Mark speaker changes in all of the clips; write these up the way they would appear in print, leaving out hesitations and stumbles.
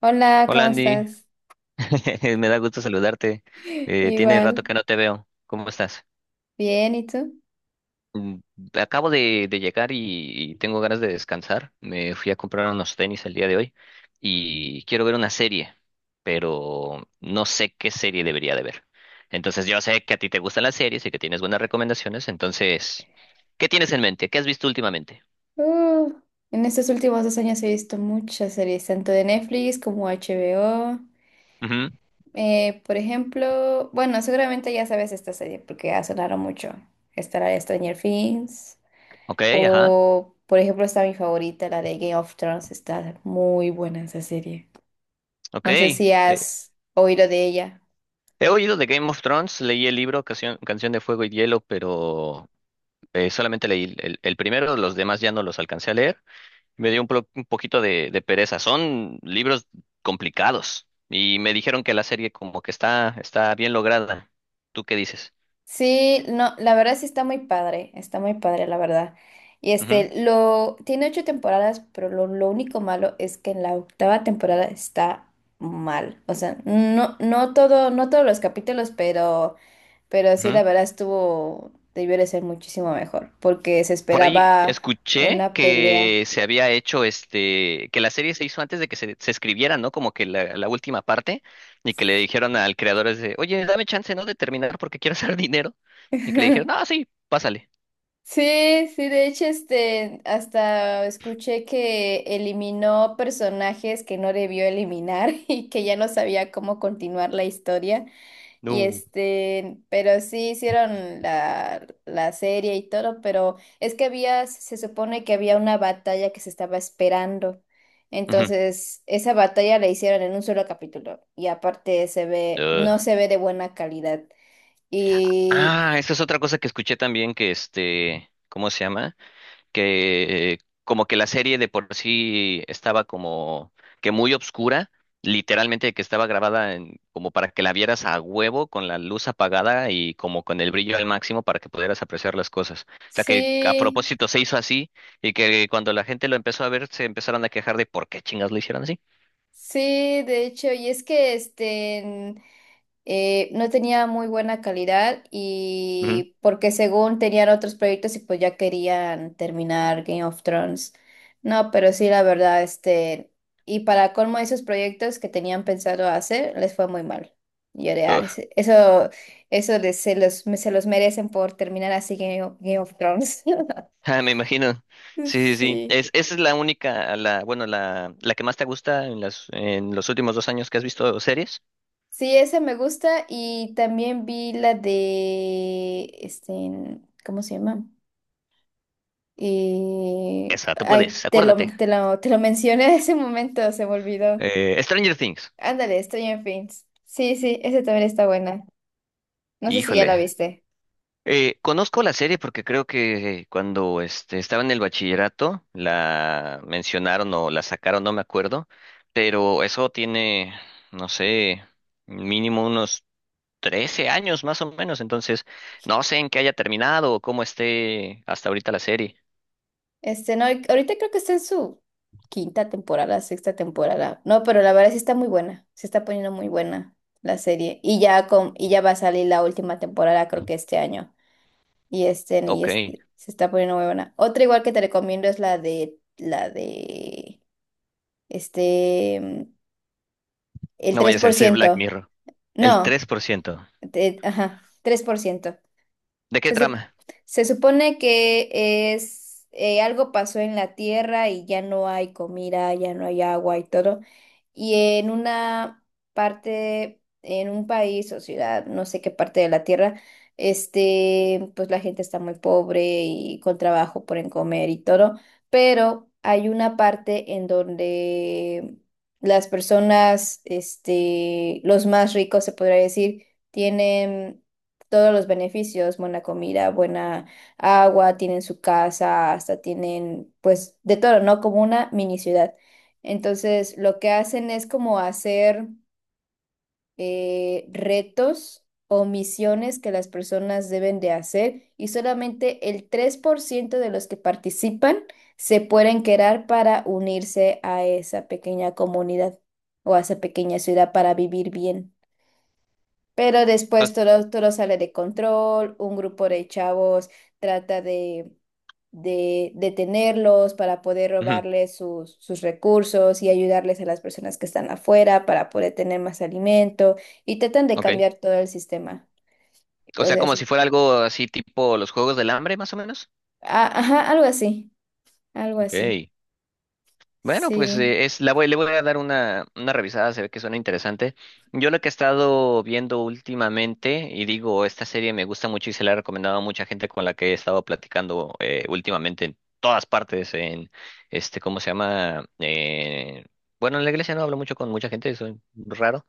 Speaker 1: Hola,
Speaker 2: Hola
Speaker 1: ¿cómo
Speaker 2: Andy,
Speaker 1: estás?
Speaker 2: me da gusto saludarte. Tiene
Speaker 1: Igual,
Speaker 2: rato que no te veo. ¿Cómo estás?
Speaker 1: bien, ¿y tú?
Speaker 2: Mm. Acabo de llegar y tengo ganas de descansar. Me fui a comprar unos tenis el día de hoy y quiero ver una serie, pero no sé qué serie debería de ver. Entonces yo sé que a ti te gustan las series y que tienes buenas recomendaciones. Entonces, ¿qué tienes en mente? ¿Qué has visto últimamente?
Speaker 1: Uh, en estos últimos 2 años he visto muchas series, tanto de Netflix como HBO.
Speaker 2: Ujú.
Speaker 1: Por ejemplo, bueno, seguramente ya sabes esta serie porque ha sonado mucho. Está la de Stranger Things
Speaker 2: Ok, ajá.
Speaker 1: o, por ejemplo, está mi favorita, la de Game of Thrones. Está muy buena esa serie.
Speaker 2: Ok.
Speaker 1: No sé si has oído de ella.
Speaker 2: He oído de Game of Thrones, leí el libro Canción de Fuego y Hielo, pero solamente leí el primero, los demás ya no los alcancé a leer. Me dio un poquito de pereza. Son libros complicados y me dijeron que la serie como que está bien lograda. ¿Tú qué dices?
Speaker 1: Sí, no, la verdad sí está muy padre, la verdad. Y
Speaker 2: Ujú,
Speaker 1: este, lo, tiene 8 temporadas, pero lo único malo es que en la 8.ª temporada está mal. O sea, no, no todo, no todos los capítulos, pero sí,
Speaker 2: ujú.
Speaker 1: la verdad estuvo, debió de ser muchísimo mejor, porque se
Speaker 2: Por ahí
Speaker 1: esperaba
Speaker 2: escuché
Speaker 1: una pelea.
Speaker 2: que se había hecho que la serie se hizo antes de que se escribiera, ¿no? Como que la última parte y que le dijeron al creador es de, oye, dame chance, ¿no? De terminar porque quiero hacer dinero. Y que le dijeron, no, sí, pásale.
Speaker 1: Sí, sí, de hecho, este, hasta escuché que eliminó personajes que no debió eliminar y que ya no sabía cómo continuar la historia. Y
Speaker 2: No.
Speaker 1: este, pero sí hicieron la serie y todo, pero es que había, se supone que había una batalla que se estaba esperando.
Speaker 2: Ujú.
Speaker 1: Entonces, esa batalla la hicieron en un solo capítulo. Y aparte se ve,
Speaker 2: Ugh.
Speaker 1: no se ve de buena calidad. Y
Speaker 2: Ah, esa es otra cosa que escuché también que ¿cómo se llama? Que como que la serie de por sí estaba como que muy obscura, literalmente que estaba grabada como para que la vieras a huevo con la luz apagada y como con el brillo al máximo para que pudieras apreciar las cosas. O sea que a
Speaker 1: sí.
Speaker 2: propósito se hizo así y que cuando la gente lo empezó a ver se empezaron a quejar de por qué chingas lo hicieron así.
Speaker 1: Sí, de hecho, y es que no tenía muy buena calidad y porque según tenían otros proyectos y pues ya querían terminar Game of Thrones. No, pero sí, la verdad, este, y para colmo esos proyectos que tenían pensado hacer, les fue muy mal. Y yo de,
Speaker 2: Ujú.
Speaker 1: "Ah, eso, eso les- se los, se los merecen por terminar así Game of Thrones".
Speaker 2: Ah, me imagino. Sí, sí, sí.
Speaker 1: Sí.
Speaker 2: Esa es la única, bueno, la que más te gusta en los últimos 2 años que has visto series.
Speaker 1: Sí, esa me gusta y también vi la de, este, ¿cómo se llama?
Speaker 2: Esa, tú
Speaker 1: Ay,
Speaker 2: puedes,
Speaker 1: te lo,
Speaker 2: acuérdate.
Speaker 1: te lo, te lo mencioné en ese momento, se me olvidó.
Speaker 2: Stranger Things.
Speaker 1: Ándale, estoy en Things. Sí, sí, esa también está buena. No sé si ya la
Speaker 2: Híjole.
Speaker 1: viste.
Speaker 2: Conozco la serie porque creo que cuando estaba en el bachillerato la mencionaron o la sacaron, no me acuerdo. Pero eso tiene, no sé, mínimo unos 13 años más o menos. Entonces, no sé en qué haya terminado o cómo esté hasta ahorita la serie.
Speaker 1: Este, no, ahorita creo que está en su 5.ª temporada, 6.ª temporada. No, pero la verdad sí está muy buena. Se está poniendo muy buena la serie. Y ya con, y ya va a salir la última temporada, creo que este año. Y
Speaker 2: Ok,
Speaker 1: este, se está poniendo muy buena. Otra igual que te recomiendo es la de, este, mm, el
Speaker 2: no
Speaker 1: tres
Speaker 2: vayas a
Speaker 1: por
Speaker 2: decir Black
Speaker 1: ciento
Speaker 2: Mirror. El
Speaker 1: No,
Speaker 2: 3%.
Speaker 1: ajá, 3%.
Speaker 2: ¿De qué
Speaker 1: Se, sup-
Speaker 2: trama?
Speaker 1: Se supone que es algo pasó en la tierra y ya no hay comida, ya no hay agua y todo. Y en una parte, en un país o ciudad, no sé qué parte de la tierra, este, pues la gente está muy pobre y con trabajo por en comer y todo. Pero hay una parte en donde las personas, este, los más ricos se podría decir, tienen todos los beneficios, buena comida, buena agua, tienen su casa, hasta tienen pues de todo, ¿no? Como una mini ciudad. Entonces, lo que hacen es como hacer retos o misiones que las personas deben de hacer y solamente el 3% de los que participan se pueden quedar para unirse a esa pequeña comunidad o a esa pequeña ciudad para vivir bien. Pero después
Speaker 2: As-
Speaker 1: todo, todo sale de control, un grupo de chavos trata de detenerlos para poder
Speaker 2: Ujú.
Speaker 1: robarles sus, sus recursos y ayudarles a las personas que están afuera para poder tener más alimento y tratan de
Speaker 2: Ok.
Speaker 1: cambiar todo el sistema.
Speaker 2: O
Speaker 1: Pues
Speaker 2: sea, como
Speaker 1: eso.
Speaker 2: si fuera algo así tipo los Juegos del Hambre, más o menos.
Speaker 1: Ah, ajá, algo así, algo
Speaker 2: Ok.
Speaker 1: así.
Speaker 2: Bueno, pues
Speaker 1: Sí.
Speaker 2: le voy a dar una revisada, se ve que suena interesante. Yo lo que he estado viendo últimamente, y digo, esta serie me gusta mucho y se la he recomendado a mucha gente con la que he estado platicando últimamente en todas partes, ¿cómo se llama? Bueno, en la iglesia no hablo mucho con mucha gente, soy raro,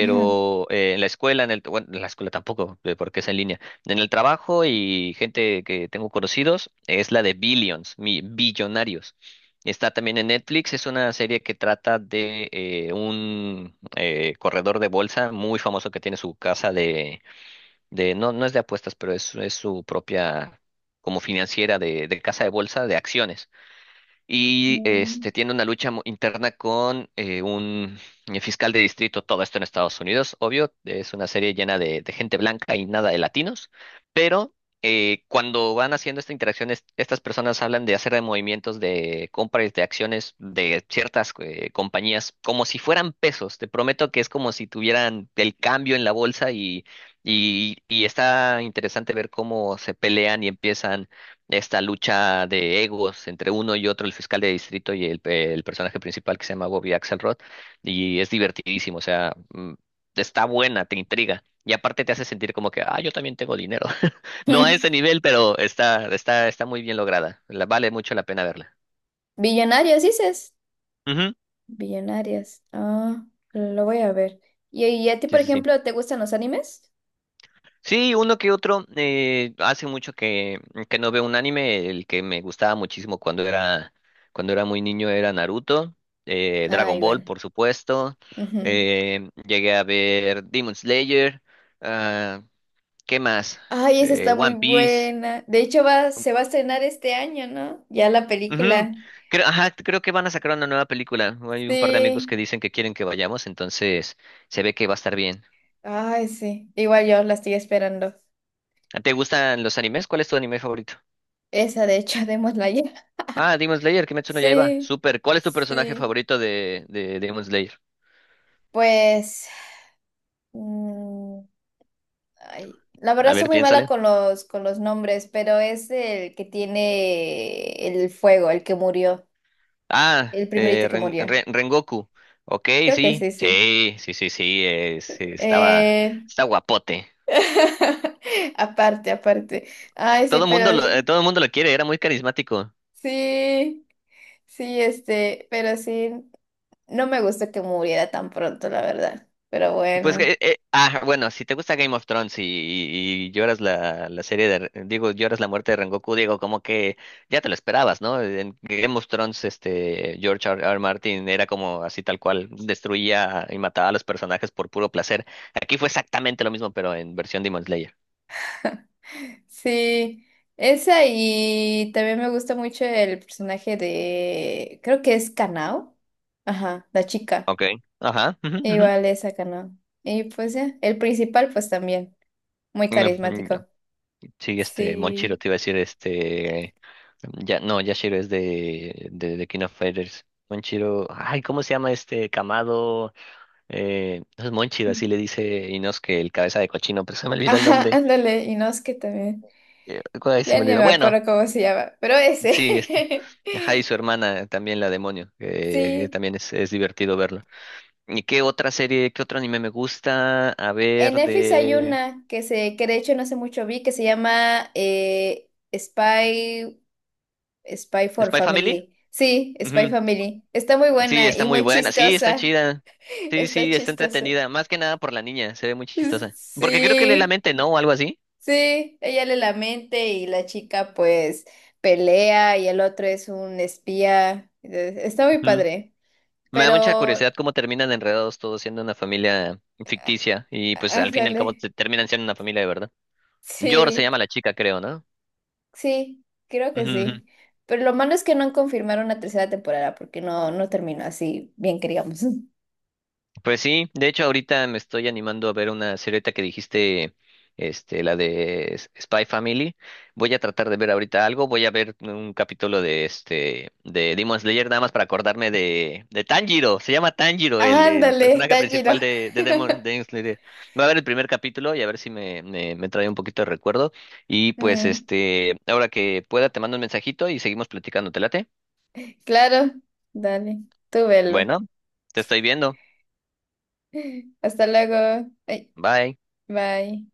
Speaker 1: Ajá.
Speaker 2: en la escuela, en la escuela tampoco, porque es en línea. En el trabajo y gente que tengo conocidos, es la de Billions, mi Billonarios. Está también en Netflix, es una serie que trata de un corredor de bolsa muy famoso que tiene su casa de no, no es de apuestas, pero es su propia como financiera de casa de bolsa de acciones y
Speaker 1: Mm.
Speaker 2: tiene una lucha interna con un fiscal de distrito, todo esto en Estados Unidos, obvio, es una serie llena de gente blanca y nada de latinos, pero cuando van haciendo esta interacción, estas personas hablan de hacer de movimientos de compras de acciones de ciertas compañías como si fueran pesos, te prometo que es como si tuvieran el cambio en la bolsa y está interesante ver cómo se pelean y empiezan esta lucha de egos entre uno y otro, el fiscal de distrito y el personaje principal que se llama Bobby Axelrod, y es divertidísimo, o sea, está buena, te intriga. Y aparte te hace sentir como que, ah, yo también tengo dinero. No a ese nivel, pero está muy bien lograda. Vale mucho la pena verla.
Speaker 1: Billonarios, dices.
Speaker 2: Ujú.
Speaker 1: Billonarios. Ah, lo voy a ver. Y a ti,
Speaker 2: Sí,
Speaker 1: por
Speaker 2: sí, sí.
Speaker 1: ejemplo, te gustan los animes?
Speaker 2: Sí, uno que otro. Hace mucho que no veo un anime. El que me gustaba muchísimo cuando era muy niño era Naruto. eh,
Speaker 1: Ah,
Speaker 2: Dragon Ball,
Speaker 1: igual.
Speaker 2: por supuesto.
Speaker 1: Ujú.
Speaker 2: Llegué a ver Demon Slayer. ah, ¿qué más?
Speaker 1: Ay, esa
Speaker 2: Eh,
Speaker 1: está muy
Speaker 2: One Piece.
Speaker 1: buena. De hecho, va, se va a estrenar este año, ¿no? Ya la
Speaker 2: Ujú.
Speaker 1: película.
Speaker 2: Creo, ajá, creo que van a sacar una nueva película. Hay un par de amigos que
Speaker 1: Sí.
Speaker 2: dicen que quieren que vayamos, entonces se ve que va a estar bien.
Speaker 1: Ay, sí. Igual yo la estoy esperando.
Speaker 2: ¿Te gustan los animes? ¿Cuál es tu anime favorito?
Speaker 1: Esa, de hecho, démosla ya.
Speaker 2: Ah, Demon Slayer, Kimetsu no Yaiba.
Speaker 1: Sí,
Speaker 2: Super. ¿Cuál es tu personaje
Speaker 1: sí.
Speaker 2: favorito de Demon Slayer?
Speaker 1: Pues, mm, ay, la
Speaker 2: A
Speaker 1: verdad soy
Speaker 2: ver,
Speaker 1: muy mala
Speaker 2: piénsale.
Speaker 1: con los nombres, pero es el que tiene el fuego, el que murió,
Speaker 2: Ah,
Speaker 1: el
Speaker 2: eh,
Speaker 1: primerito que
Speaker 2: Ren-
Speaker 1: murió.
Speaker 2: Ren- Rengoku. Ok,
Speaker 1: Creo que
Speaker 2: sí,
Speaker 1: sí, sí.
Speaker 2: sí, sí, sí, sí, sí,
Speaker 1: Eh,
Speaker 2: está guapote.
Speaker 1: Aparte, aparte. Ay, sí,
Speaker 2: Todo
Speaker 1: pero
Speaker 2: mundo lo, eh, todo el mundo lo quiere, era muy carismático.
Speaker 1: sí, sí, este, pero sí, no me gusta que muriera tan pronto, la verdad. Pero
Speaker 2: Pues,
Speaker 1: bueno,
Speaker 2: bueno, si te gusta Game of Thrones y lloras la serie digo, lloras la muerte de Rengoku, digo, como que ya te lo esperabas, ¿no? En Game of Thrones, George R. R. Martin era como así tal cual, destruía y mataba a los personajes por puro placer. Aquí fue exactamente lo mismo, pero en versión Demon Slayer.
Speaker 1: sí, esa y también me gusta mucho el personaje de, creo que es Kanao. Ajá, la chica.
Speaker 2: Okay. Ajá. Ujú, ujú.
Speaker 1: Igual esa Kanao. Y pues ya, el principal pues también, muy
Speaker 2: No, no.
Speaker 1: carismático.
Speaker 2: Sí,
Speaker 1: Sí.
Speaker 2: Monchiro te iba a decir, ya, no, Yashiro es de King of Fighters. Monchiro, ay, ¿cómo se llama este Kamado? Entonces Monchi así le dice Inos que el cabeza de cochino, pero se me olvidó el
Speaker 1: Ajá,
Speaker 2: nombre.
Speaker 1: ándale, Inosuke también.
Speaker 2: Ay, se
Speaker 1: Ya
Speaker 2: me
Speaker 1: ni
Speaker 2: olvidó.
Speaker 1: me
Speaker 2: Bueno,
Speaker 1: acuerdo cómo se llama, pero ese.
Speaker 2: sí. Ajá, y su hermana también la demonio, que
Speaker 1: Sí.
Speaker 2: también es divertido verlo. ¿Y qué otra serie, qué otro anime me gusta? A
Speaker 1: En
Speaker 2: ver,
Speaker 1: Netflix hay
Speaker 2: de
Speaker 1: una que se, que de hecho no hace mucho vi, que se llama Spy for
Speaker 2: Spy Family.
Speaker 1: Family. Sí, Spy
Speaker 2: Ujú.
Speaker 1: Family. Está muy
Speaker 2: Sí,
Speaker 1: buena
Speaker 2: está
Speaker 1: y
Speaker 2: muy
Speaker 1: muy
Speaker 2: buena, sí, está
Speaker 1: chistosa.
Speaker 2: chida. Sí,
Speaker 1: Está
Speaker 2: sí, está
Speaker 1: chistosa.
Speaker 2: entretenida, más que nada por la niña, se ve muy chistosa. Porque creo que lee la
Speaker 1: Sí,
Speaker 2: mente, ¿no? O algo así.
Speaker 1: sí. Ella le lamente y la chica pues pelea y el otro es un espía. Está muy padre.
Speaker 2: Me da mucha
Speaker 1: Pero,
Speaker 2: curiosidad cómo terminan enredados todos siendo una familia ficticia y pues al fin y al cabo
Speaker 1: ándale.
Speaker 2: se terminan siendo una familia de verdad. Yor se
Speaker 1: Sí.
Speaker 2: llama la chica, creo, ¿no?
Speaker 1: Sí, creo que sí. Pero lo malo es que no han confirmado una 3.ª temporada porque no, no terminó así bien que digamos.
Speaker 2: Pues sí, de hecho ahorita me estoy animando a ver una serie que dijiste, la de Spy Family. Voy a tratar de ver ahorita algo, voy a ver un capítulo de Demon Slayer nada más para acordarme de Tanjiro, se llama Tanjiro el
Speaker 1: Ándale,
Speaker 2: personaje
Speaker 1: está giro.
Speaker 2: principal de Demon Slayer. Voy a ver "el, primer capítulo y a ver si me, me me trae un poquito de recuerdo y pues
Speaker 1: Mm,
Speaker 2: este, ahora que pueda te mando un mensajito y seguimos platicando, ¿te late?
Speaker 1: claro, dale, tú velo.
Speaker 2: Bueno, te estoy viendo.
Speaker 1: Hasta luego. Ay,
Speaker 2: Bye.
Speaker 1: bye.